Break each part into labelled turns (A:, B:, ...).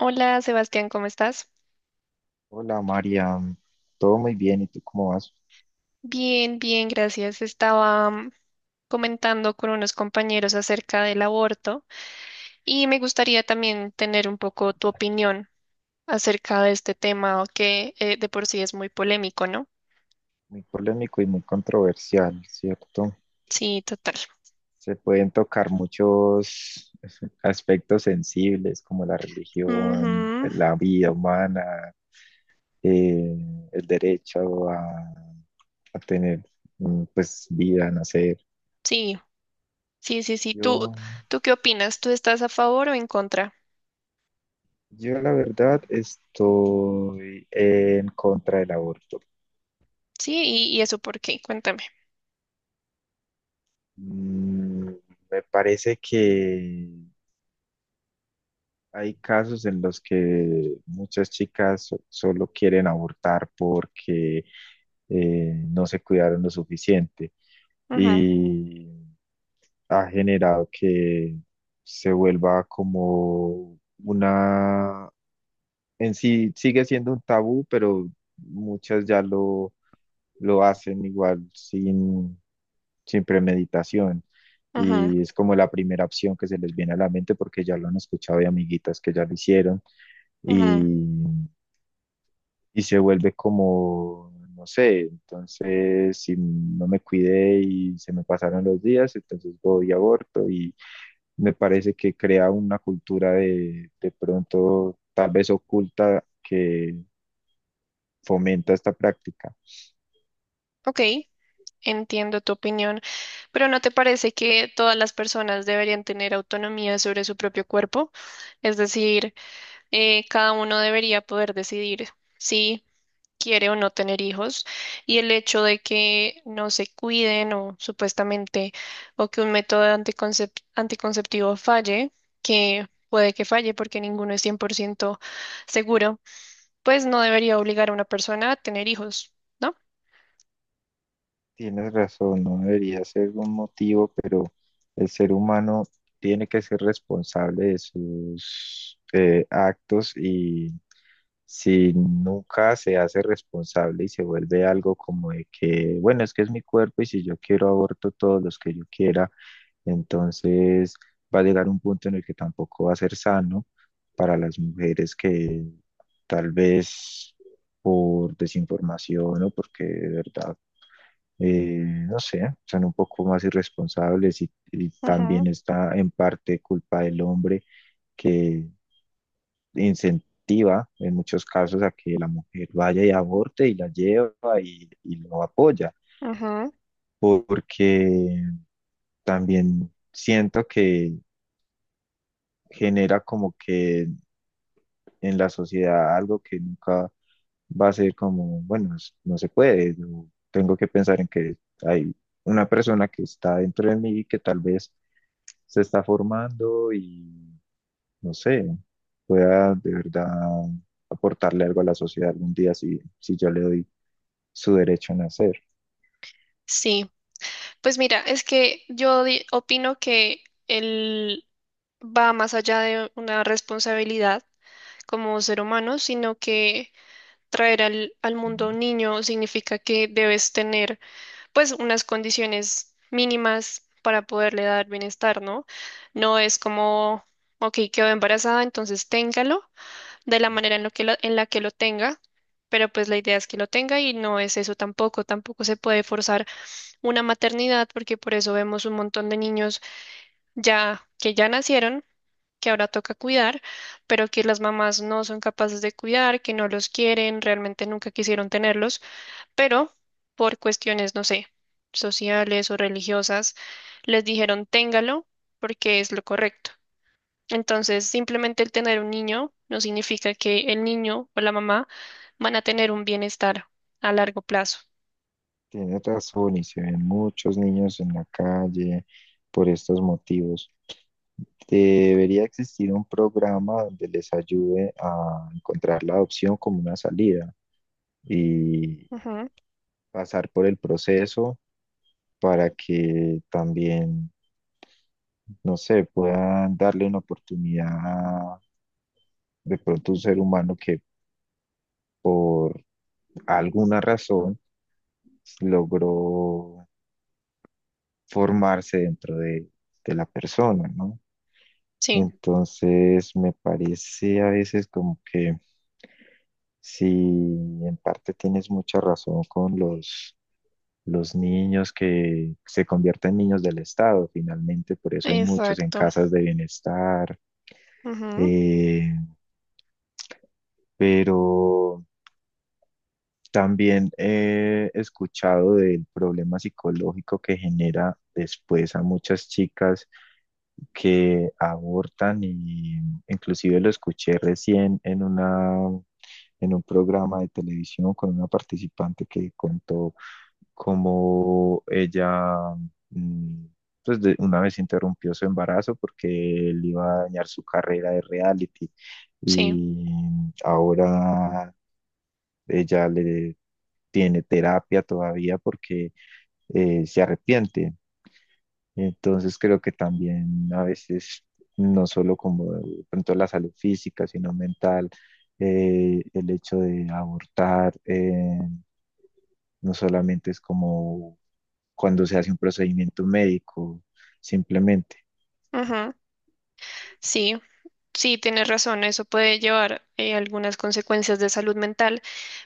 A: Hola Sebastián, ¿cómo estás?
B: Hola María, todo muy bien, ¿y tú cómo vas?
A: Bien, bien, gracias. Estaba comentando con unos compañeros acerca del aborto y me gustaría también tener un poco tu opinión acerca de este tema que de por sí es muy polémico, ¿no?
B: Muy polémico y muy controversial, ¿cierto?
A: Sí, total.
B: Se pueden tocar muchos aspectos sensibles como la religión,
A: Ujú.
B: la vida humana, eh, el derecho a tener pues vida, nacer.
A: Sí, sí, sí, sí. ¿Tú,
B: Yo,
A: tú qué opinas? ¿Tú estás a favor o en contra?
B: yo la verdad estoy en contra del aborto.
A: Sí, y eso por qué? Cuéntame.
B: Mm, me parece que hay casos en los que muchas chicas solo quieren abortar porque no se cuidaron lo suficiente
A: Ujú, Mm,
B: y ha generado que se vuelva como una, en sí sigue siendo un tabú, pero muchas lo hacen igual sin premeditación.
A: ujú,
B: Y es como la primera opción que se les viene a la mente porque ya lo han escuchado de amiguitas que ya lo hicieron
A: ujú.
B: y, y se vuelve como, no sé, entonces si no me cuidé y se me pasaron los días, entonces voy y aborto y me parece que crea una cultura de pronto tal vez oculta que fomenta esta práctica.
A: Ok. Entiendo tu opinión, pero ¿no te parece que todas las personas deberían tener autonomía sobre su propio cuerpo? Es decir, cada uno debería poder decidir si quiere o no tener hijos y el hecho de que no se cuiden o supuestamente o que un método anticonceptivo falle, que puede que falle porque ninguno es 100% seguro, pues no debería obligar a una persona a tener hijos, ¿no?
B: Tienes razón, no debería ser un motivo, pero el ser humano tiene que ser responsable de sus actos y si nunca se hace responsable y se vuelve algo como de que, bueno, es que es mi cuerpo y si yo quiero aborto todos los que yo quiera, entonces va a llegar un punto en el que tampoco va a ser sano para las mujeres que tal vez por desinformación o porque de verdad, eh, no sé, son un poco más irresponsables y
A: Ujú,
B: también está en parte culpa del hombre que incentiva en muchos casos a que la mujer vaya y aborte y la lleva y lo apoya,
A: ujú.
B: porque también siento que genera como que en la sociedad algo que nunca va a ser como, bueno, no se puede, yo tengo que pensar en que hay una persona que está dentro de mí que tal vez se está formando y no sé, pueda de verdad aportarle algo a la sociedad algún día si yo le doy su derecho a nacer.
A: Sí. Pues mira, es que yo opino que él va más allá de una responsabilidad como ser humano, sino que traer al mundo
B: Mm,
A: un niño significa que debes tener pues unas condiciones mínimas para poderle dar bienestar, ¿no? No es como, ok, quedó embarazada, entonces téngalo de la manera en la que lo tenga, pero pues la idea es que lo tenga y no es eso tampoco, se puede forzar una maternidad, porque por eso vemos un montón de niños ya que ya nacieron, que ahora toca cuidar, pero que las mamás no son capaces de cuidar, que no los quieren, realmente nunca quisieron tenerlos, pero por cuestiones, no sé, sociales o religiosas, les dijeron téngalo porque es lo correcto. Entonces, simplemente el tener un niño no significa que el niño o la mamá van a tener un bienestar a largo plazo.
B: Tiene razón y se ven muchos niños en la calle por estos motivos. Debería existir un programa donde les ayude a encontrar la adopción como una salida y
A: Ujú,
B: pasar por el proceso para que también, no sé, puedan darle una oportunidad a de pronto un ser humano que alguna razón logró formarse dentro de la persona, ¿no?
A: sí,
B: Entonces me parece a veces como que si en parte tienes mucha razón con los niños que se convierten en niños del Estado, finalmente, por eso hay muchos en
A: exacto.
B: casas de bienestar,
A: Ujú.
B: eh, pero también he escuchado del problema psicológico que genera después a muchas chicas que abortan y inclusive lo escuché recién en una en un programa de televisión con una participante que contó cómo ella mm, pues una vez interrumpió su embarazo porque él iba a dañar su carrera de reality
A: Sí,
B: y ahora ella le tiene terapia todavía porque se arrepiente. Entonces creo que también a veces, no solo como de pronto la salud física, sino mental, el hecho de abortar, no solamente es como cuando se hace un procedimiento médico, simplemente.
A: ujú. Sí, sí, tienes razón, eso puede llevar algunas consecuencias de salud mental,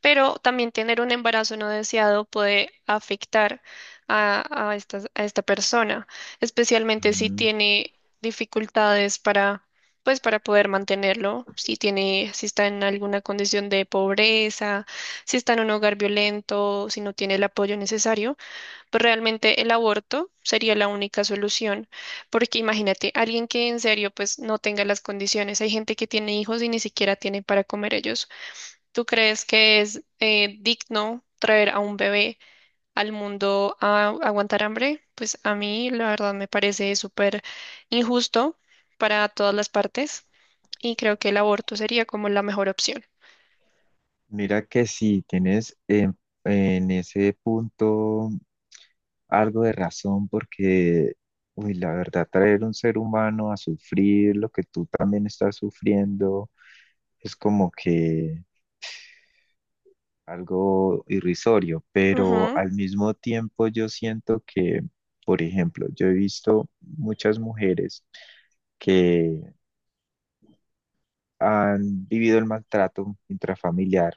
A: pero también tener un embarazo no deseado puede afectar a esta persona, especialmente si
B: Mm,
A: tiene dificultades pues, para poder mantenerlo, si tiene, si está en alguna condición de pobreza, si está en un hogar violento, si no tiene el apoyo necesario. Pues realmente el aborto sería la única solución, porque imagínate, alguien que en serio pues no tenga las condiciones, hay gente que tiene hijos y ni siquiera tiene para comer ellos. ¿Tú crees que es digno traer a un bebé al mundo a aguantar hambre? Pues a mí la verdad me parece súper injusto para todas las partes y creo que el aborto sería como la mejor opción.
B: Mira que si tienes en ese punto algo de razón porque, uy, la verdad, traer un ser humano a sufrir lo que tú también estás sufriendo es como que algo irrisorio, pero
A: Ujú,
B: al mismo tiempo yo siento que, por ejemplo, yo he visto muchas mujeres que han vivido el maltrato intrafamiliar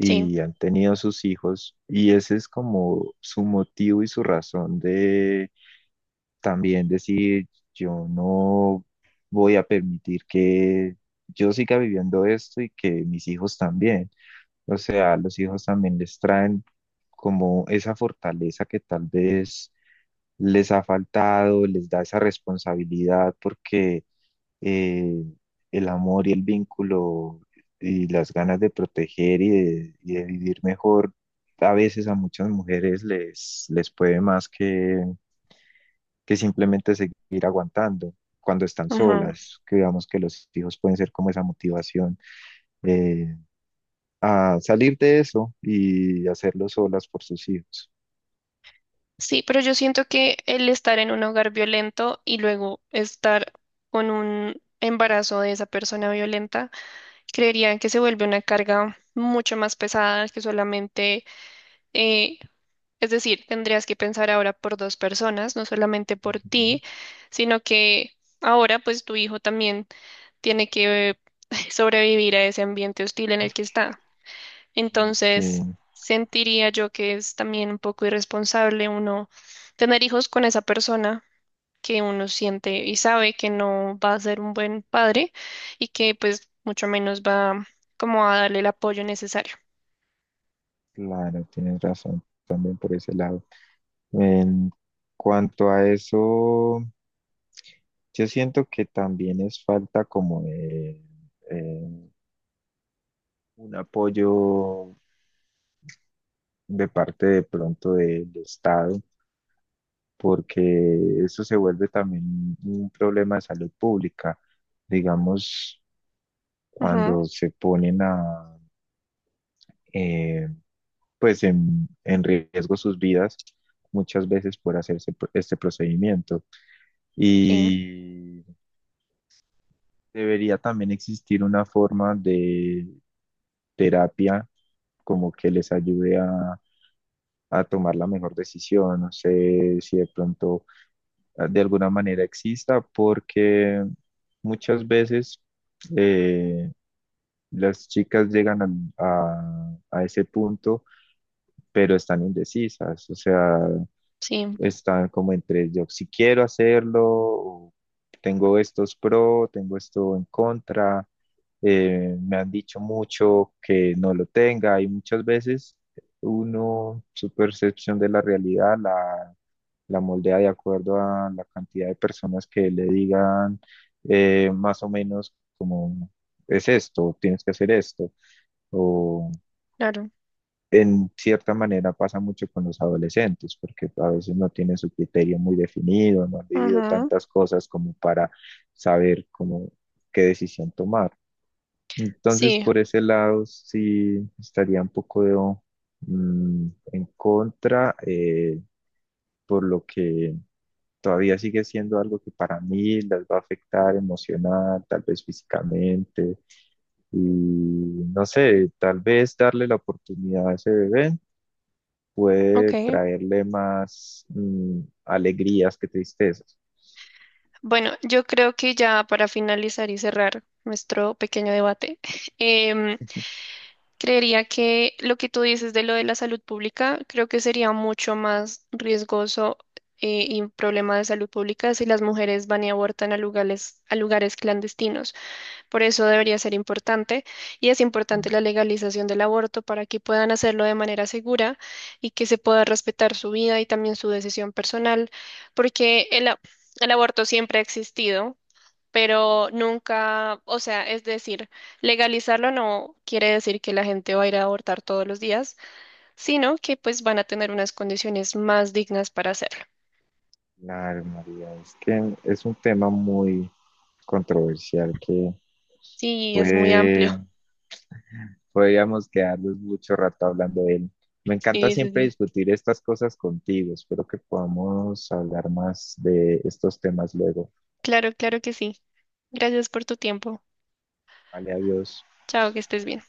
A: sí.
B: han tenido sus hijos y ese es como su motivo y su razón de también decir, yo no voy a permitir que yo siga viviendo esto y que mis hijos también. O sea, los hijos también les traen como esa fortaleza que tal vez les ha faltado, les da esa responsabilidad porque eh, el amor y el vínculo y las ganas de proteger y y de vivir mejor, a veces a muchas mujeres les puede más que simplemente seguir aguantando cuando están
A: Ujú.
B: solas, que digamos que los hijos pueden ser como esa motivación eh, a salir de eso y hacerlo solas por sus hijos.
A: Sí, pero yo siento que el estar en un hogar violento y luego estar con un embarazo de esa persona violenta creerían que se vuelve una carga mucho más pesada que solamente, eh, es decir, tendrías que pensar ahora por dos personas, no solamente por
B: Ujú.
A: ti, sino que ahora pues tu hijo también tiene que sobrevivir a ese ambiente hostil en el que está.
B: Sí,
A: Entonces, sentiría yo que es también un poco irresponsable uno tener hijos con esa persona que uno siente y sabe que no va a ser un buen padre y que pues mucho menos va como a darle el apoyo necesario.
B: claro, tienes razón también por ese lado. En cuanto a eso, yo siento que también es falta como eh, un apoyo de parte de pronto del Estado porque esto se vuelve también un problema de salud pública. Digamos,
A: Ujú,
B: cuando se ponen a, eh, pues en riesgo sus vidas muchas veces por hacerse este procedimiento.
A: sí,
B: Y debería también existir una forma de terapia como que les ayude a tomar la mejor decisión. No sé si de pronto de alguna manera exista, porque muchas veces eh, las chicas llegan a, a ese punto, pero están indecisas, o sea,
A: sí,
B: están como entre yo si quiero hacerlo, o tengo estos pro, tengo esto en contra, me han dicho mucho que no lo tenga y muchas veces uno, su percepción de la realidad la moldea de acuerdo a la cantidad de personas que le digan más o menos como es esto, tienes que hacer esto, o
A: claro.
B: en cierta manera pasa mucho con los adolescentes, porque a veces no tienen su criterio muy definido, no han vivido
A: Ujú,
B: tantas cosas como para saber cómo, qué decisión tomar. Entonces,
A: sí,
B: por ese lado, sí estaría un poco de, en contra, por lo que todavía sigue siendo algo que para mí las va a afectar emocional, tal vez físicamente, y no sé, tal vez darle la oportunidad a ese bebé puede
A: ok.
B: traerle más alegrías que tristezas.
A: Bueno, yo creo que ya para finalizar y cerrar nuestro pequeño debate, em, creería que lo que tú dices de lo de la salud pública, creo que sería mucho más riesgoso y un problema de salud pública si las mujeres van y abortan a lugares clandestinos. Por eso debería ser importante y es importante
B: Mm.
A: la legalización del aborto para que puedan hacerlo de manera segura y que se pueda respetar su vida y también su decisión personal, porque el aborto siempre ha existido, pero nunca, o sea, es decir, legalizarlo no quiere decir que la gente va a ir a abortar todos los días, sino que pues van a tener unas condiciones más dignas para hacerlo.
B: Claro, María, es que es un tema muy controversial que
A: Sí, es muy amplio.
B: puede podríamos quedarnos mucho rato hablando de él. Me encanta
A: Sí, sí,
B: siempre
A: sí.
B: discutir estas cosas contigo. Espero que podamos hablar más de estos temas luego.
A: Claro, claro que sí. Gracias por tu tiempo.
B: Vale, adiós.
A: Chao, que estés bien.